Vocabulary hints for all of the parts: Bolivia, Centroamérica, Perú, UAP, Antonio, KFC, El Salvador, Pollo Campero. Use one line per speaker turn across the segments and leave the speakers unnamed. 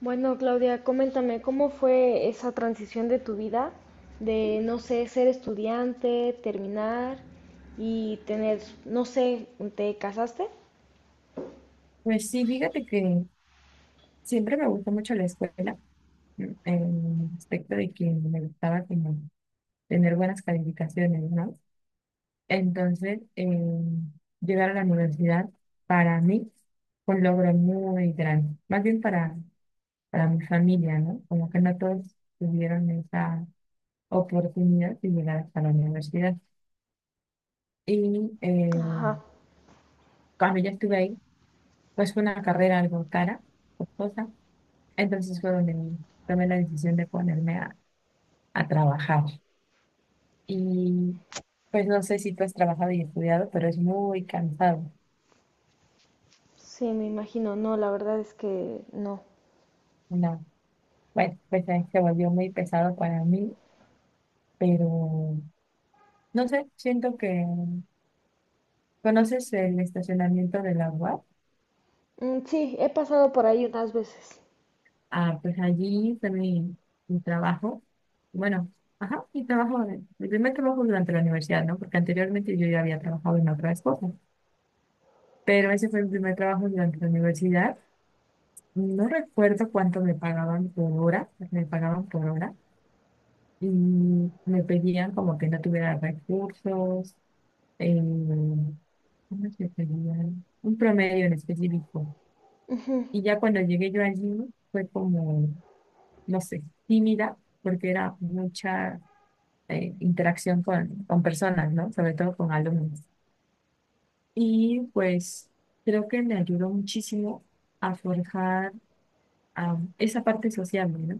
Bueno, Claudia, coméntame, ¿cómo fue esa transición de tu vida de, no sé, ser estudiante, terminar y tener, no sé, ¿te casaste?
Pues sí, fíjate que siempre me gustó mucho la escuela, en el aspecto de que me gustaba como tener buenas calificaciones, ¿no? Entonces, llegar a la universidad para mí fue un logro muy grande, más bien para mi familia, ¿no? Como que no todos tuvieron esa oportunidad de llegar hasta la universidad. Y
Ajá,
cuando ya estuve ahí, pues fue una carrera algo cara, costosa, entonces fue donde tomé la decisión de ponerme a trabajar. Y pues no sé si tú has trabajado y estudiado, pero es muy cansado.
sí, me imagino. No, la verdad es que no.
No, bueno, pues ahí se volvió muy pesado para mí, pero no sé, siento que conoces el estacionamiento de la UAP.
Mm, sí, he pasado por ahí unas veces.
Ah, pues allí fue mi, mi trabajo. Bueno, ajá, mi trabajo, mi primer trabajo durante la universidad, ¿no? Porque anteriormente yo ya había trabajado en otras cosas, pero ese fue mi primer trabajo durante la universidad. No recuerdo cuánto me pagaban por hora, me pagaban por hora y me pedían como que no tuviera recursos, eh, ¿cómo se pedían? Un promedio en específico. Y ya cuando llegué yo allí fue como, no sé, tímida porque era mucha interacción con personas, ¿no? Sobre todo con alumnos. Y pues creo que me ayudó muchísimo a forjar esa parte social, ¿no?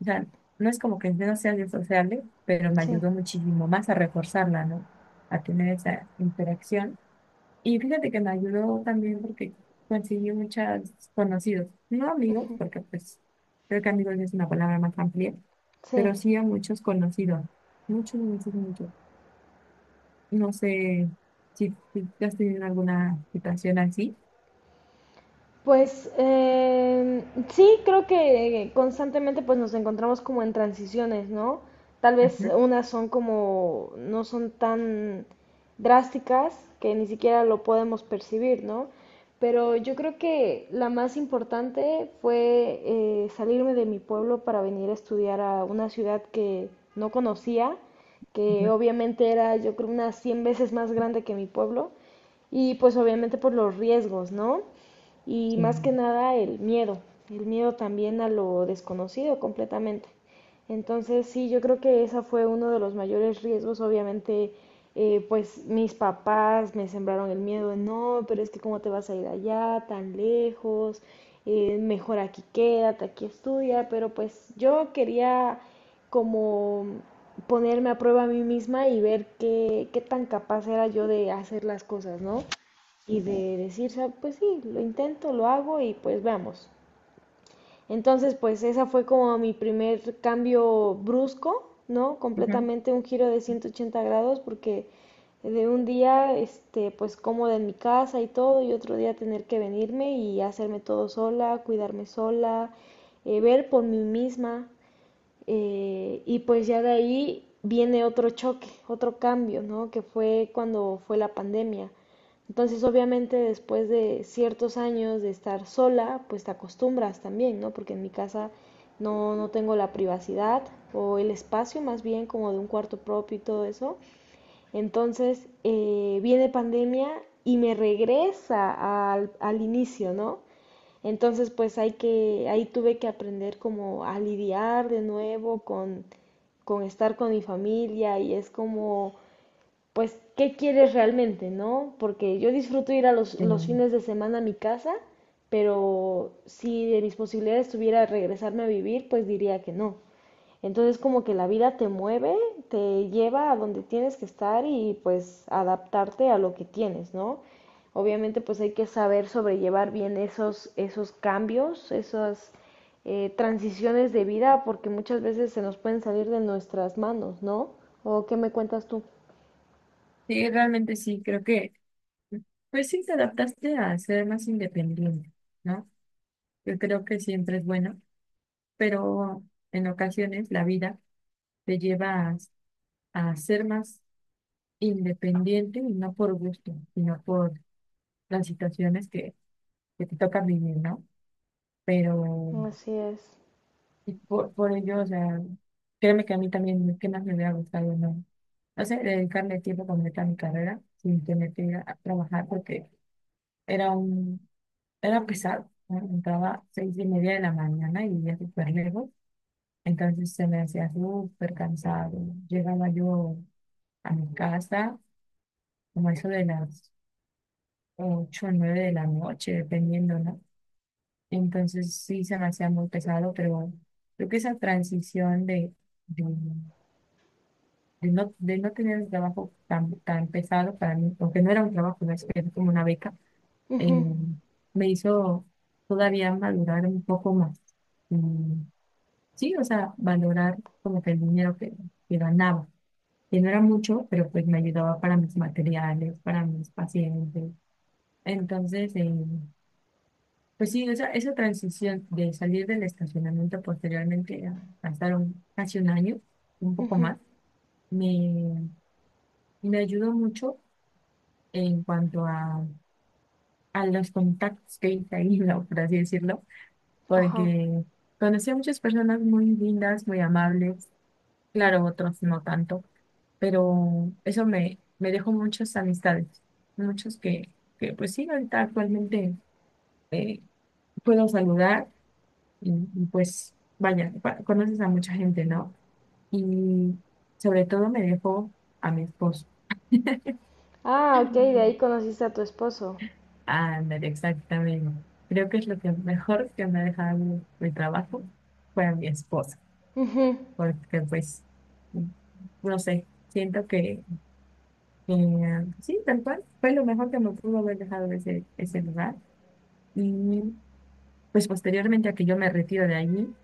O sea, no es como que no sea disociable, pero me
Sí,
ayudó muchísimo más a reforzarla, ¿no? A tener esa interacción. Y fíjate que me ayudó también porque conseguí muchos conocidos, no amigos, porque pues creo que amigos es una palabra más amplia, pero
sí.
sí a muchos conocidos, muchos, muchos, muchos. No sé si tú has tenido alguna situación así.
Pues sí, creo que constantemente pues nos encontramos como en transiciones, ¿no? Tal vez
Ujú,
unas son como, no son tan drásticas que ni siquiera lo podemos percibir, ¿no? Pero yo creo que la más importante fue salirme de mi pueblo para venir a estudiar a una ciudad que no conocía, que
ujú,
obviamente era yo creo unas 100 veces más grande que mi pueblo, y pues obviamente por los riesgos, ¿no? Y
sí.
más que nada el miedo, el miedo también a lo desconocido completamente. Entonces, sí, yo creo que esa fue uno de los mayores riesgos. Obviamente, pues mis papás me sembraron el miedo, no, pero es que cómo te vas a ir allá tan lejos. Mejor aquí quédate, aquí estudia, pero pues yo quería como ponerme a prueba a mí misma y ver qué, qué tan capaz era yo de hacer las cosas, ¿no? Y de decir, pues sí, lo intento, lo hago y pues veamos". Entonces, pues esa fue como mi primer cambio brusco, ¿no?
Ujú.
Completamente un giro de 180 grados porque de un día, este, pues cómoda en mi casa y todo, y otro día tener que venirme y hacerme todo sola, cuidarme sola, ver por mí misma. Y pues ya de ahí viene otro choque, otro cambio, ¿no? Que fue cuando fue la pandemia. Entonces, obviamente, después de ciertos años de estar sola, pues te acostumbras también, ¿no? Porque en mi casa no tengo la privacidad o el espacio, más bien como de un cuarto propio y todo eso. Entonces, viene pandemia y me regresa al, al inicio, ¿no? Entonces, pues hay que, ahí tuve que aprender como a lidiar de nuevo con estar con mi familia y es como pues, ¿qué quieres realmente, no? Porque yo disfruto ir a
Eh,
los fines de semana a mi casa, pero si de mis posibilidades tuviera regresarme a vivir, pues diría que no. Entonces como que la vida te mueve, te lleva a donde tienes que estar y pues adaptarte a lo que tienes, ¿no? Obviamente pues hay que saber sobrellevar bien esos, esos cambios, esas transiciones de vida, porque muchas veces se nos pueden salir de nuestras manos, ¿no? ¿O qué me cuentas tú?
sí, realmente sí, creo que pues sí, te adaptaste a ser más independiente, ¿no? Yo creo que siempre es bueno, pero en ocasiones la vida te lleva a ser más independiente y no por gusto, sino por las situaciones que te tocan vivir, ¿no? Pero
Así es.
y por ello, o sea, créeme que a mí también, ¿qué más me hubiera gustado, no? No sé, dedicarle tiempo completo a mi carrera sin tener que ir a trabajar porque era un... Era pesado, ¿no? Entraba seis y media de la mañana y vivía súper lejos. Entonces se me hacía súper cansado. Llegaba yo a mi casa como eso de las ocho o nueve de la noche, dependiendo, ¿no? Entonces sí se me hacía muy pesado, pero creo que esa transición de, de no tener un trabajo tan, tan pesado para mí, aunque no era un trabajo, no era como una beca, eh,
Ujú.
me hizo todavía madurar un poco más. mm, Sí, o sea, valorar como que el dinero que ganaba, que no era mucho, pero pues me ayudaba para mis materiales, para mis pacientes. Entonces, pues sí, esa transición de salir del estacionamiento posteriormente, pasaron casi un año, un poco más, me, me ayudó mucho en cuanto a los contactos que hice ahí, ¿no? Por así decirlo,
Ajá.
porque conocí a muchas personas muy lindas, muy amables, claro, otros no tanto, pero eso me, me dejó muchas amistades, muchos que pues sí, ahorita actualmente eh, puedo saludar y, pues vaya, conoces a mucha gente, ¿no? Y sobre todo me dejó a mi esposo.
Ah, ok, de ahí conociste a tu esposo.
Ándale, exactamente. Creo que es lo que mejor que me ha dejado mi, mi trabajo fue a mi esposa, porque pues, no sé, siento que, sí, tal cual, fue lo mejor que me pudo haber dejado ese, ese lugar. Y pues posteriormente a que yo me retiro de allí,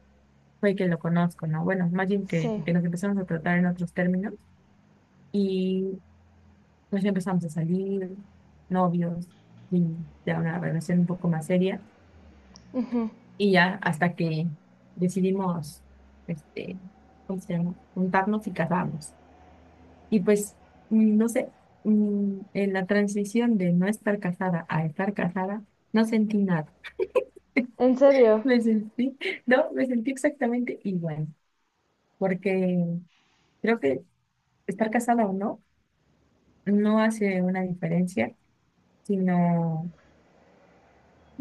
fue que lo conozco, ¿no? Bueno, más bien
Sí.
que nos empezamos a tratar en otros términos y pues ya empezamos a salir, novios, y ya una relación un poco más seria. Y ya hasta que decidimos, este, ¿cómo se llama? Juntarnos y casarnos. Y pues, no sé, en la transición de no estar casada a estar casada, no sentí nada.
¿En serio?
Me sentí, no, me sentí exactamente igual porque creo que estar casada o no no hace una diferencia, sino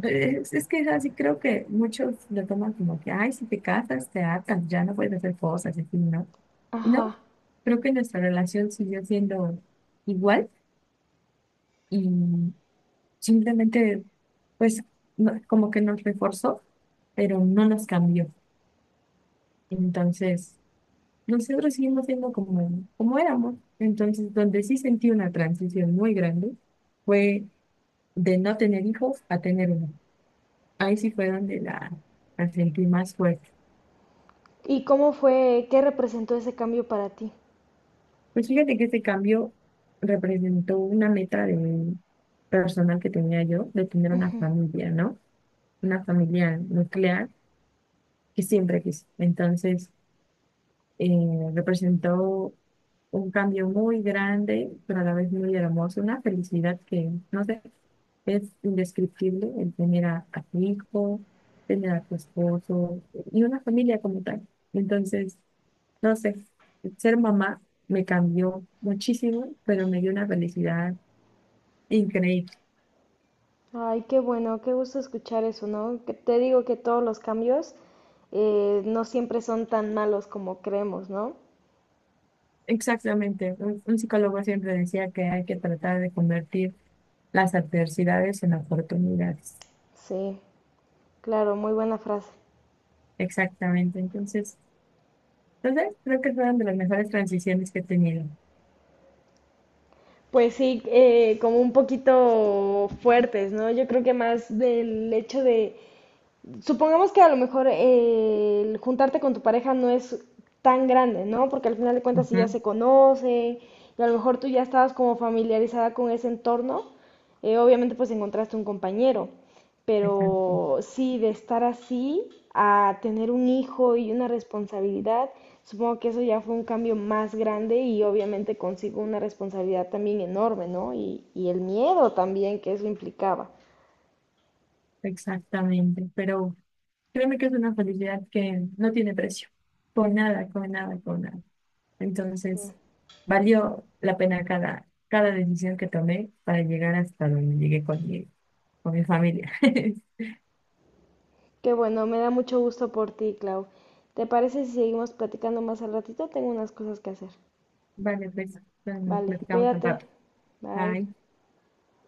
es que es así, creo que muchos lo toman como que, ay, si te casas, te atan, ya no puedes hacer cosas, así, ¿no? No,
Ajá.
creo que nuestra relación siguió siendo igual y simplemente, pues, como que nos reforzó, pero no nos cambió. Entonces... Nosotros seguimos siendo como, como éramos. Entonces, donde sí sentí una transición muy grande fue de no tener hijos a tener uno. Ahí sí fue donde la sentí más fuerte.
¿Y cómo fue, qué representó ese cambio para ti?
Pues fíjate que este cambio representó una meta de personal que tenía yo, de tener una familia, ¿no? Una familia nuclear que siempre quise. Entonces, representó un cambio muy grande, pero a la vez muy hermoso, una felicidad que, no sé, es indescriptible el tener a tu hijo, tener a tu esposo y una familia como tal. Entonces, no sé, ser mamá me cambió muchísimo, pero me dio una felicidad increíble.
Ay, qué bueno, qué gusto escuchar eso, ¿no? Que te digo que todos los cambios, no siempre son tan malos como creemos, ¿no?
Exactamente, un psicólogo siempre decía que hay que tratar de convertir las adversidades en oportunidades.
Sí, claro, muy buena frase.
Exactamente, entonces... Entonces, creo que fueron de las mejores transiciones que he tenido.
Pues sí, como un poquito fuertes, ¿no? Yo creo que más del hecho de, supongamos que a lo mejor el juntarte con tu pareja no es tan grande, ¿no? Porque al final de cuentas si ya
Ujú,
se conocen y a lo mejor tú ya estabas como familiarizada con ese entorno, obviamente pues encontraste un compañero,
exacto,
pero sí de estar así a tener un hijo y una responsabilidad, supongo que eso ya fue un cambio más grande y obviamente consigo una responsabilidad también enorme, ¿no? Y el miedo también que eso implicaba.
exactamente. Pero créeme que es una felicidad que no tiene precio. Con nada, con nada, con nada. Entonces, valió la pena cada, cada decisión que tomé para llegar hasta donde llegué con mi familia.
Qué bueno, me da mucho gusto por ti, Clau. ¿Te parece si seguimos platicando más al ratito? Tengo unas cosas que hacer.
Vale, pues, bueno, nos
Vale,
platicamos al
cuídate.
rato.
Bye.
Bye.